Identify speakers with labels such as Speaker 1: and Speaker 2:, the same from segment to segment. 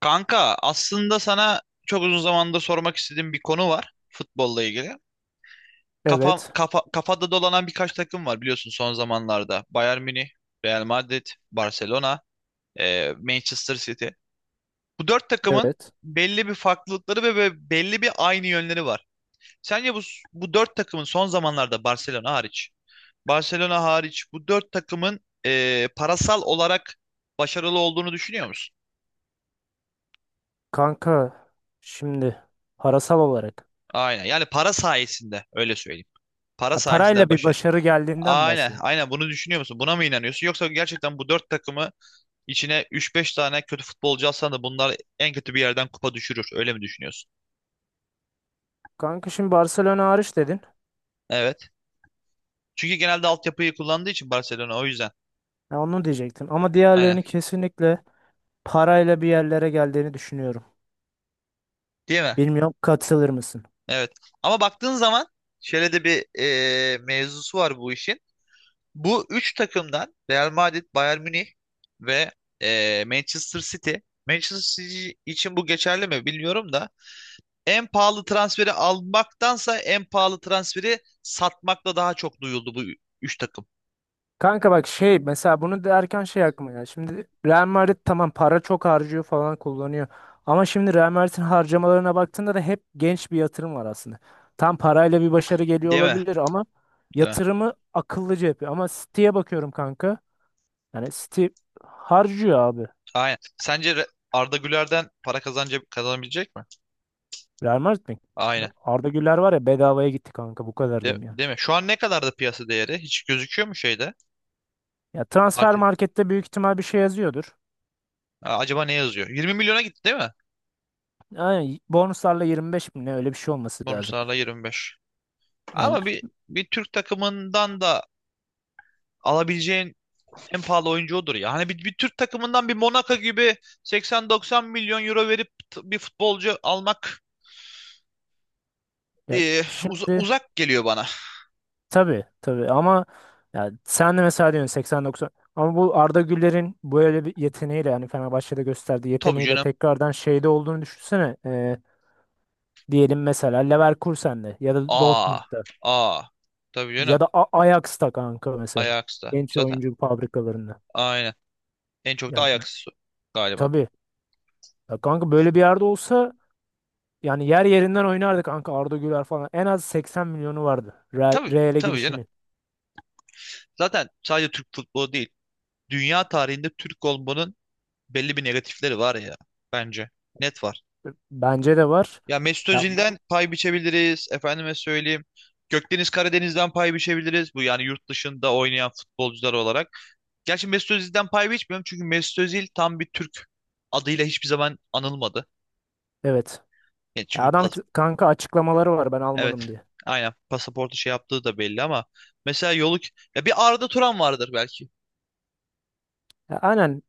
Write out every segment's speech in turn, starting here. Speaker 1: Kanka aslında sana çok uzun zamandır sormak istediğim bir konu var futbolla ilgili.
Speaker 2: Evet,
Speaker 1: Kafada dolanan birkaç takım var biliyorsun son zamanlarda. Bayern Münih, Real Madrid, Barcelona, Manchester City. Bu dört takımın
Speaker 2: evet.
Speaker 1: belli bir farklılıkları ve belli bir aynı yönleri var. Sence bu, Bu dört takımın son zamanlarda Barcelona hariç bu dört takımın parasal olarak başarılı olduğunu düşünüyor musun?
Speaker 2: Kanka şimdi parasal olarak.
Speaker 1: Aynen, yani para sayesinde öyle söyleyeyim. Para
Speaker 2: Ha,
Speaker 1: sayesinde
Speaker 2: parayla bir
Speaker 1: başarı.
Speaker 2: başarı geldiğinden
Speaker 1: Aynen,
Speaker 2: bahsedin.
Speaker 1: aynen bunu düşünüyor musun? Buna mı inanıyorsun? Yoksa gerçekten bu dört takımı içine üç beş tane kötü futbolcu alsan da bunlar en kötü bir yerden kupa düşürür. Öyle mi düşünüyorsun?
Speaker 2: Kanka şimdi Barcelona hariç dedin.
Speaker 1: Evet. Çünkü genelde altyapıyı kullandığı için Barcelona, o yüzden.
Speaker 2: Ha, onu diyecektim. Ama
Speaker 1: Aynen.
Speaker 2: diğerlerini kesinlikle parayla bir yerlere geldiğini düşünüyorum.
Speaker 1: Değil mi?
Speaker 2: Bilmiyorum katılır mısın?
Speaker 1: Evet. Ama baktığın zaman şöyle de bir mevzusu var bu işin. Bu üç takımdan Real Madrid, Bayern Münih ve Manchester City. Manchester City için bu geçerli mi bilmiyorum da en pahalı transferi almaktansa en pahalı transferi satmakla daha çok duyuldu bu üç takım.
Speaker 2: Kanka bak şey mesela bunu derken şey aklıma ya. Şimdi Real Madrid tamam para çok harcıyor falan kullanıyor. Ama şimdi Real Madrid'in harcamalarına baktığında da hep genç bir yatırım var aslında. Tam parayla bir başarı geliyor
Speaker 1: Değil mi?
Speaker 2: olabilir ama
Speaker 1: Değil mi?
Speaker 2: yatırımı akıllıca yapıyor. Ama City'ye bakıyorum kanka. Yani City harcıyor abi.
Speaker 1: Aynen. Arda Güler'den para kazanca kazanabilecek mi?
Speaker 2: Real Madrid mi?
Speaker 1: Aynen.
Speaker 2: Arda Güler var ya bedavaya gitti kanka bu kadar diyeyim yani.
Speaker 1: Değil mi? Şu an ne kadar da piyasa değeri? Hiç gözüküyor mu şeyde?
Speaker 2: Ya transfer
Speaker 1: Market.
Speaker 2: markette büyük ihtimal bir şey yazıyordur.
Speaker 1: Aa, acaba ne yazıyor? 20 milyona gitti değil mi?
Speaker 2: Aynen bonuslarla 25 bin ne öyle bir şey olması lazım.
Speaker 1: Bonuslarla 25.
Speaker 2: Yani
Speaker 1: Ama bir Bir Türk takımından da alabileceğin en pahalı oyuncu odur ya. Hani bir Türk takımından bir Monaco gibi 80-90 milyon euro verip bir futbolcu almak
Speaker 2: ya şimdi
Speaker 1: Uzak geliyor bana.
Speaker 2: tabii tabii ama ya sen de mesela diyorsun 80-90, ama bu Arda Güler'in böyle bir yeteneğiyle yani Fenerbahçe'de gösterdiği
Speaker 1: Tabii
Speaker 2: yeteneğiyle
Speaker 1: canım.
Speaker 2: tekrardan şeyde olduğunu düşünsene. Diyelim mesela Leverkusen'de ya da
Speaker 1: Aa,
Speaker 2: Dortmund'da
Speaker 1: aa. Tabii
Speaker 2: ya
Speaker 1: canım.
Speaker 2: da Ajax'ta kanka mesela,
Speaker 1: Ajax'ta.
Speaker 2: genç
Speaker 1: Zaten
Speaker 2: oyuncu fabrikalarında.
Speaker 1: aynen. En çok da
Speaker 2: Ya
Speaker 1: Ajax galiba.
Speaker 2: tabii ya kanka böyle bir yerde olsa yani yer yerinden oynardı kanka, Arda Güler falan en az 80 milyonu vardı, Real,
Speaker 1: Tabii,
Speaker 2: Real'e
Speaker 1: tabii canım.
Speaker 2: gidişini.
Speaker 1: Zaten sadece Türk futbolu değil. Dünya tarihinde Türk olmanın belli bir negatifleri var ya. Bence. Net var.
Speaker 2: Bence de var.
Speaker 1: Ya Mesut
Speaker 2: Ya bu,
Speaker 1: Özil'den pay biçebiliriz. Efendime söyleyeyim. Gökdeniz Karadeniz'den pay biçebiliriz. Bu, yani yurt dışında oynayan futbolcular olarak. Gerçi Mesut Özil'den pay biçmiyorum. Çünkü Mesut Özil tam bir Türk adıyla hiçbir zaman anılmadı.
Speaker 2: evet.
Speaker 1: Yani
Speaker 2: Ya
Speaker 1: çünkü
Speaker 2: adam,
Speaker 1: pas,
Speaker 2: kanka, açıklamaları var ben Almanım
Speaker 1: evet.
Speaker 2: diye.
Speaker 1: Aynen, pasaportu şey yaptığı da belli ama mesela yolu, ya bir Arda Turan vardır belki.
Speaker 2: Ya aynen,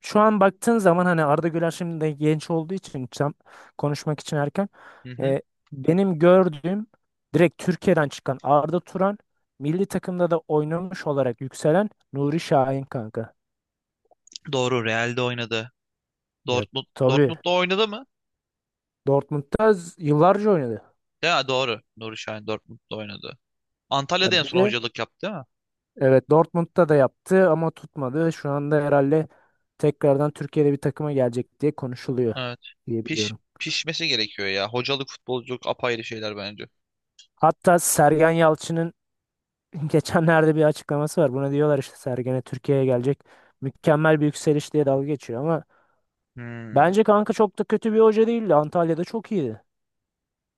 Speaker 2: şu an baktığın zaman hani Arda Güler şimdi de genç olduğu için tam konuşmak için erken.
Speaker 1: Hı hı.
Speaker 2: E, Benim gördüğüm direkt Türkiye'den çıkan Arda Turan, milli takımda da oynamış olarak yükselen Nuri Şahin kanka.
Speaker 1: Doğru, Real'de oynadı.
Speaker 2: Ya tabii
Speaker 1: Dortmund'da oynadı mı?
Speaker 2: Dortmund'da yıllarca oynadı.
Speaker 1: Ya doğru. Nuri Şahin Dortmund'da oynadı. Antalya'da en
Speaker 2: Ya bir
Speaker 1: son
Speaker 2: de
Speaker 1: hocalık yaptı değil mi?
Speaker 2: evet, Dortmund'da da yaptı ama tutmadı. Şu anda herhalde tekrardan Türkiye'de bir takıma gelecek diye konuşuluyor
Speaker 1: Evet.
Speaker 2: diye
Speaker 1: Piş,
Speaker 2: biliyorum.
Speaker 1: Pişmesi gerekiyor ya. Hocalık, futbolculuk apayrı şeyler bence.
Speaker 2: Hatta Sergen Yalçın'ın geçenlerde bir açıklaması var. Buna diyorlar işte Sergen'e, Türkiye'ye gelecek. Mükemmel bir yükseliş diye dalga geçiyor ama
Speaker 1: Hmm.
Speaker 2: bence kanka çok da kötü bir hoca değildi. Antalya'da çok iyiydi.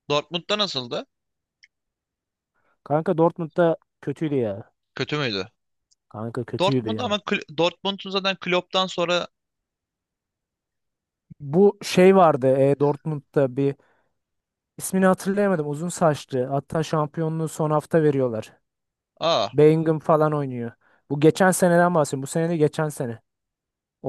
Speaker 1: Dortmund'da nasıldı?
Speaker 2: Kanka Dortmund'da kötüydü ya.
Speaker 1: Kötü müydü?
Speaker 2: Kanka kötüydü ya.
Speaker 1: Dortmund'un zaten Klopp'tan sonra
Speaker 2: Bu şey vardı Dortmund'da, bir ismini hatırlayamadım. Uzun saçlı. Hatta şampiyonluğu son hafta veriyorlar.
Speaker 1: aa
Speaker 2: Bellingham falan oynuyor. Bu geçen seneden bahsediyorum. Bu sene de geçen sene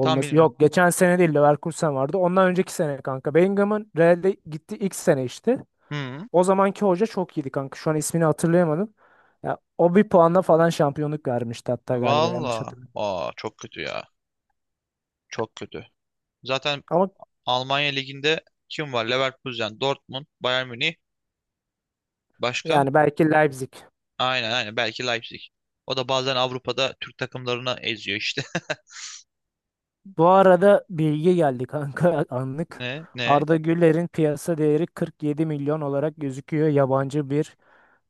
Speaker 1: tam bilmiyorum.
Speaker 2: Yok, geçen sene değil, Leverkusen vardı. Ondan önceki sene kanka. Bellingham'ın Real'de gitti ilk sene işte.
Speaker 1: Hmm.
Speaker 2: O zamanki hoca çok iyiydi kanka. Şu an ismini hatırlayamadım. Ya, o bir puanla falan şampiyonluk vermişti hatta, galiba yanlış
Speaker 1: Valla.
Speaker 2: hatırlamıyorum.
Speaker 1: Aa, çok kötü ya. Çok kötü. Zaten
Speaker 2: Ama
Speaker 1: Almanya Ligi'nde kim var? Leverkusen, Dortmund, Bayern Münih. Başka?
Speaker 2: yani belki Leipzig.
Speaker 1: Aynen. Belki Leipzig. O da bazen Avrupa'da Türk takımlarını eziyor işte.
Speaker 2: Bu arada bilgi geldi kanka anlık.
Speaker 1: Ne? Ne?
Speaker 2: Arda Güler'in piyasa değeri 47 milyon olarak gözüküyor, yabancı bir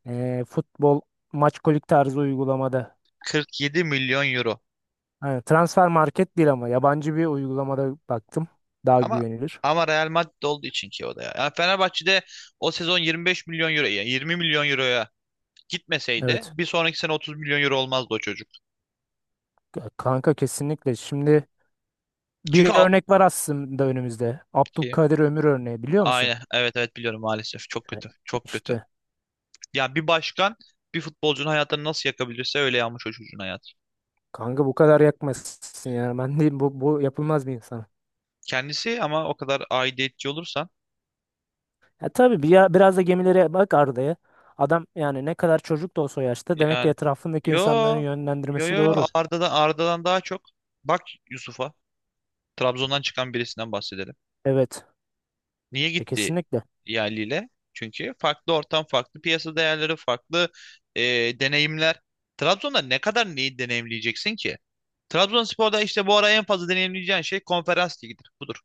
Speaker 2: futbol maç kolik tarzı uygulamada.
Speaker 1: 47 milyon euro.
Speaker 2: Evet, transfer market değil ama yabancı bir uygulamada baktım. Daha
Speaker 1: Ama
Speaker 2: güvenilir.
Speaker 1: ama Real Madrid olduğu için ki o da ya. Yani Fenerbahçe'de o sezon 25 milyon euro, yani 20 milyon euroya gitmeseydi
Speaker 2: Evet.
Speaker 1: bir sonraki sene 30 milyon euro olmazdı o çocuk.
Speaker 2: Kanka kesinlikle. Şimdi
Speaker 1: Çünkü
Speaker 2: bir
Speaker 1: a-
Speaker 2: örnek var aslında önümüzde.
Speaker 1: Ki-
Speaker 2: Abdülkadir Ömür örneği, biliyor musun?
Speaker 1: aynen, evet, evet biliyorum, maalesef çok
Speaker 2: Evet.
Speaker 1: kötü, çok kötü.
Speaker 2: İşte
Speaker 1: Yani bir başkan bir futbolcunun hayatını nasıl yakabilirse öyle yanmış o çocuğun hayatı.
Speaker 2: kanka bu kadar yakmasın ya. Ben diyeyim, bu yapılmaz bir insan.
Speaker 1: Kendisi ama o kadar aidiyetçi olursan,
Speaker 2: Ya tabii bir ya, biraz da gemilere bak Arda'ya. Adam yani ne kadar çocuk da olsa o yaşta, demek ki
Speaker 1: yani,
Speaker 2: etrafındaki
Speaker 1: yo
Speaker 2: insanların yönlendirmesi doğru.
Speaker 1: Arda'dan, daha çok bak Yusuf'a, Trabzon'dan çıkan birisinden bahsedelim.
Speaker 2: Evet.
Speaker 1: Niye gitti
Speaker 2: Kesinlikle.
Speaker 1: yerliyle? Çünkü farklı ortam, farklı piyasa değerleri, farklı e, deneyimler. Trabzon'da ne kadar neyi deneyimleyeceksin ki? Trabzonspor'da işte bu ara en fazla deneyimleyeceğin şey konferans ligidir. Budur.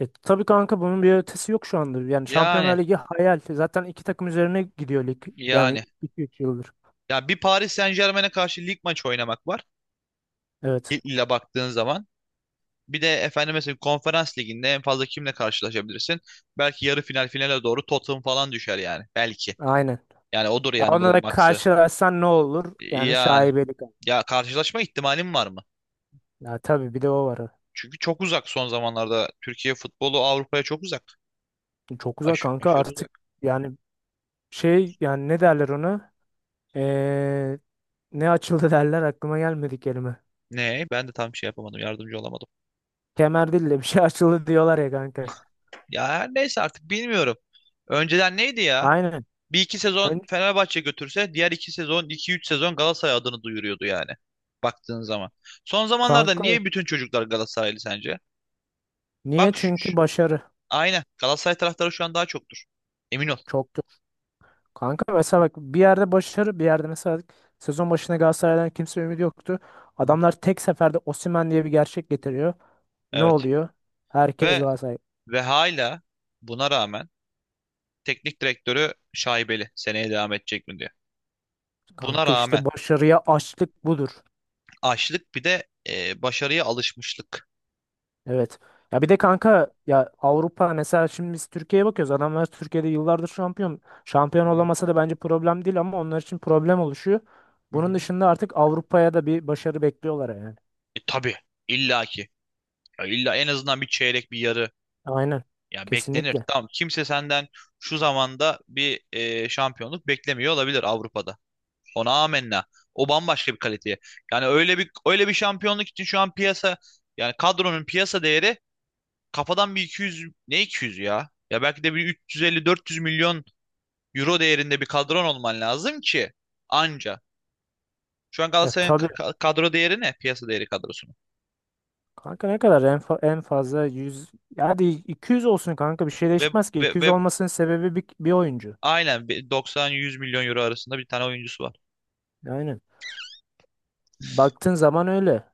Speaker 2: Tabii kanka, bunun bir ötesi yok şu anda. Yani
Speaker 1: Yani
Speaker 2: Şampiyonlar Ligi hayal. Zaten iki takım üzerine gidiyor lig. Yani
Speaker 1: yani
Speaker 2: iki 3 yıldır.
Speaker 1: Ya bir Paris Saint-Germain'e karşı lig maçı oynamak var,
Speaker 2: Evet.
Speaker 1: ile baktığın zaman. Bir de efendim mesela konferans liginde en fazla kimle karşılaşabilirsin? Belki yarı final finale doğru Tottenham falan düşer yani. Belki.
Speaker 2: Aynen.
Speaker 1: Yani odur
Speaker 2: Ya
Speaker 1: yani
Speaker 2: ona
Speaker 1: bunun
Speaker 2: da
Speaker 1: maksı.
Speaker 2: karşılaşsan ne olur? Yani
Speaker 1: Yani
Speaker 2: şaibelik.
Speaker 1: ya karşılaşma ihtimalim var mı?
Speaker 2: Ya tabii, bir de o var.
Speaker 1: Çünkü çok uzak son zamanlarda. Türkiye futbolu Avrupa'ya çok uzak.
Speaker 2: Çok uzak kanka
Speaker 1: Aşırı
Speaker 2: artık,
Speaker 1: uzak.
Speaker 2: yani şey, yani ne derler ona? Ee, Ne açıldı derler, aklıma gelmedi kelime.
Speaker 1: Ne? Ben de tam şey yapamadım. Yardımcı olamadım.
Speaker 2: Kemer değil de bir şey açıldı diyorlar ya kanka.
Speaker 1: Ya her neyse artık bilmiyorum. Önceden neydi ya?
Speaker 2: Aynen.
Speaker 1: Bir iki sezon
Speaker 2: Ön-
Speaker 1: Fenerbahçe götürse diğer iki sezon, iki üç sezon Galatasaray adını duyuruyordu yani. Baktığın zaman. Son zamanlarda
Speaker 2: Kanka
Speaker 1: niye bütün çocuklar Galatasaraylı sence?
Speaker 2: niye?
Speaker 1: Bak şu,
Speaker 2: Çünkü
Speaker 1: şu-
Speaker 2: başarı.
Speaker 1: aynen, Galatasaray taraftarı şu an daha çoktur. Emin ol.
Speaker 2: Çok. Kanka mesela bak, bir yerde başarı, bir yerde mesela sezon başına Galatasaray'dan kimse ümidi yoktu.
Speaker 1: Hı hı.
Speaker 2: Adamlar tek seferde Osimhen diye bir gerçek getiriyor. Ne
Speaker 1: Evet.
Speaker 2: oluyor? Herkes
Speaker 1: Ve
Speaker 2: Galatasaray.
Speaker 1: ve Hala buna rağmen teknik direktörü şaibeli. Seneye devam edecek mi diye. Buna
Speaker 2: Kanka
Speaker 1: rağmen
Speaker 2: işte başarıya açlık budur.
Speaker 1: açlık, bir de başarıya alışmışlık.
Speaker 2: Evet. Ya bir de kanka ya, Avrupa mesela, şimdi biz Türkiye'ye bakıyoruz. Adamlar Türkiye'de yıllardır şampiyon. Şampiyon
Speaker 1: Hı
Speaker 2: olamasa da bence problem değil ama onlar için problem oluşuyor. Bunun
Speaker 1: hı.
Speaker 2: dışında artık Avrupa'ya da bir başarı bekliyorlar yani.
Speaker 1: E, tabii illaki. Ya illa en azından bir çeyrek bir yarı
Speaker 2: Aynen.
Speaker 1: ya beklenir.
Speaker 2: Kesinlikle.
Speaker 1: Tamam, kimse senden şu zamanda bir şampiyonluk beklemiyor olabilir Avrupa'da. Ona amenna. O bambaşka bir kaliteye. Yani öyle bir şampiyonluk için şu an piyasa, yani kadronun piyasa değeri kafadan bir iki yüz, ne 200 ya? Ya belki de bir üç yüz elli dört yüz milyon euro değerinde bir kadron olman lazım ki anca. Şu an
Speaker 2: Ya
Speaker 1: Galatasaray'ın
Speaker 2: tabii
Speaker 1: kadro değeri ne? Piyasa değeri kadrosunun.
Speaker 2: kanka, ne kadar en fazla 100, ya hadi 200 olsun kanka, bir şey
Speaker 1: Ve
Speaker 2: değişmez ki
Speaker 1: ve
Speaker 2: 200
Speaker 1: ve
Speaker 2: olmasının sebebi bir oyuncu.
Speaker 1: aynen bir 90-100 milyon euro arasında bir tane oyuncusu var.
Speaker 2: Aynen. Baktığın zaman öyle.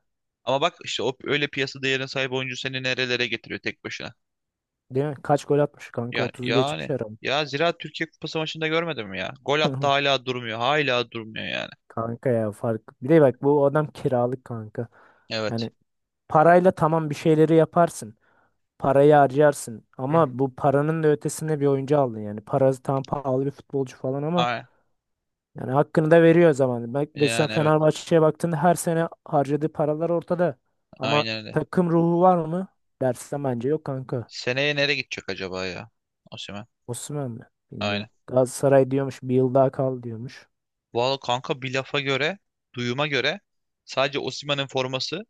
Speaker 1: Ama bak işte o öyle piyasa değerine sahip oyuncu seni nerelere getiriyor tek başına.
Speaker 2: Değil mi? Kaç gol atmış kanka,
Speaker 1: Ya
Speaker 2: 30'u geçmiş
Speaker 1: yani
Speaker 2: herhalde.
Speaker 1: ya zira Türkiye Kupası maçında görmedim mi ya. Gol attı hala durmuyor. Hala durmuyor yani.
Speaker 2: Kanka ya fark. Bir de bak, bu adam kiralık kanka.
Speaker 1: Evet.
Speaker 2: Yani parayla tamam bir şeyleri yaparsın. Parayı harcarsın
Speaker 1: Hı hı.
Speaker 2: ama bu paranın da ötesinde bir oyuncu aldın yani. Parası tam pahalı bir futbolcu falan ama,
Speaker 1: Ay,
Speaker 2: yani hakkını da veriyor zaman. Bak mesela
Speaker 1: yani, evet.
Speaker 2: Fenerbahçe'ye baktığında her sene harcadığı paralar ortada. Ama
Speaker 1: Aynen öyle.
Speaker 2: takım ruhu var mı? Dersen bence yok kanka.
Speaker 1: Seneye nereye gidecek acaba ya? Osimhen.
Speaker 2: Osman mı? Bilmiyorum.
Speaker 1: Aynen.
Speaker 2: Galatasaray diyormuş bir yıl daha kal diyormuş.
Speaker 1: Valla kanka, bir lafa göre, duyuma göre, sadece Osimhen'in forması,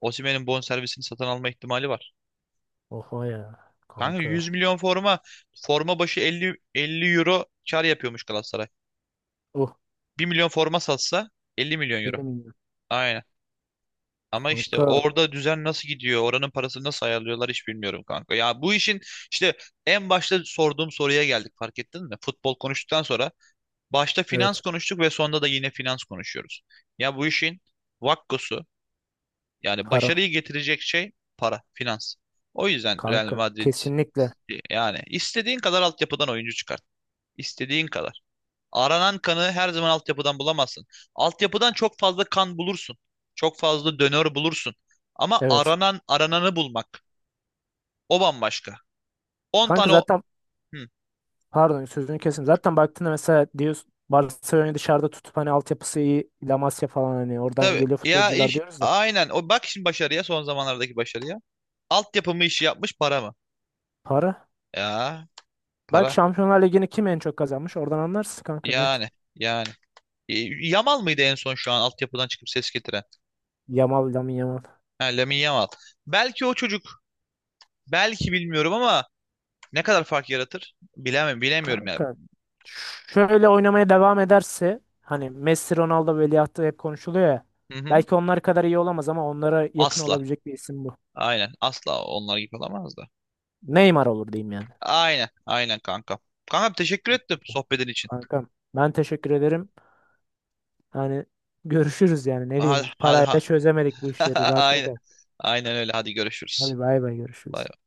Speaker 1: Osimhen'in bonservisini satın alma ihtimali var.
Speaker 2: Oha ya
Speaker 1: Kanka,
Speaker 2: kanka.
Speaker 1: forma başı 50 euro kar yapıyormuş Galatasaray.
Speaker 2: Oh,
Speaker 1: Bir milyon forma satsa 50 milyon euro.
Speaker 2: bilmiyorum.
Speaker 1: Aynen. Ama işte
Speaker 2: Kanka
Speaker 1: orada düzen nasıl gidiyor, oranın parasını nasıl ayarlıyorlar hiç bilmiyorum kanka. Ya bu işin işte en başta sorduğum soruya geldik, fark ettin mi? Futbol konuştuktan sonra başta finans
Speaker 2: evet,
Speaker 1: konuştuk ve sonunda da yine finans konuşuyoruz. Ya bu işin vakkosu, yani
Speaker 2: para.
Speaker 1: başarıyı getirecek şey, para, finans. O yüzden Real
Speaker 2: Kanka
Speaker 1: Madrid,
Speaker 2: kesinlikle
Speaker 1: yani istediğin kadar altyapıdan oyuncu çıkart. İstediğin kadar. Aranan kanı her zaman altyapıdan bulamazsın. Altyapıdan çok fazla kan bulursun. Çok fazla donör bulursun. Ama
Speaker 2: evet.
Speaker 1: aranan arananı bulmak, o bambaşka. 10
Speaker 2: Kanka
Speaker 1: tane o.
Speaker 2: zaten,
Speaker 1: Hı,
Speaker 2: pardon sözünü kesin. Zaten baktığında mesela, diyorsun Barcelona'yı dışarıda tutup hani altyapısı iyi, La Masia falan, hani oradan
Speaker 1: tabii
Speaker 2: geliyor
Speaker 1: ya,
Speaker 2: futbolcular
Speaker 1: iş
Speaker 2: diyoruz da.
Speaker 1: aynen o, bak şimdi başarıya, son zamanlardaki başarıya. Altyapı mı işi yapmış, para mı?
Speaker 2: Para.
Speaker 1: Ya
Speaker 2: Bak
Speaker 1: para.
Speaker 2: Şampiyonlar Ligi'ni kim en çok kazanmış? Oradan anlarsın kanka, net.
Speaker 1: Yani yani. E, Yamal mıydı en son şu an altyapıdan çıkıp ses getiren?
Speaker 2: Yamal, Lamine Yamal.
Speaker 1: Ha, Lamine Yamal. Belki o çocuk, belki bilmiyorum ama ne kadar fark yaratır? Bilemem, bilemiyorum ya.
Speaker 2: Kanka şöyle oynamaya devam ederse, hani Messi, Ronaldo veliahtı hep konuşuluyor ya.
Speaker 1: Hı hı.
Speaker 2: Belki onlar kadar iyi olamaz ama onlara yakın
Speaker 1: Asla.
Speaker 2: olabilecek bir isim bu.
Speaker 1: Aynen. Asla onlar gibi olamaz da.
Speaker 2: Neymar olur diyeyim yani.
Speaker 1: Aynen. Aynen kanka. Kanka teşekkür ettim sohbetin için.
Speaker 2: Kankam, ben teşekkür ederim. Hani görüşürüz yani, ne
Speaker 1: Hadi
Speaker 2: diyeyim.
Speaker 1: hadi ha.
Speaker 2: Parayla çözemedik bu işleri. Rahatına
Speaker 1: Aynen.
Speaker 2: kal.
Speaker 1: Aynen öyle. Hadi görüşürüz.
Speaker 2: Hadi bay bay,
Speaker 1: Bay
Speaker 2: görüşürüz.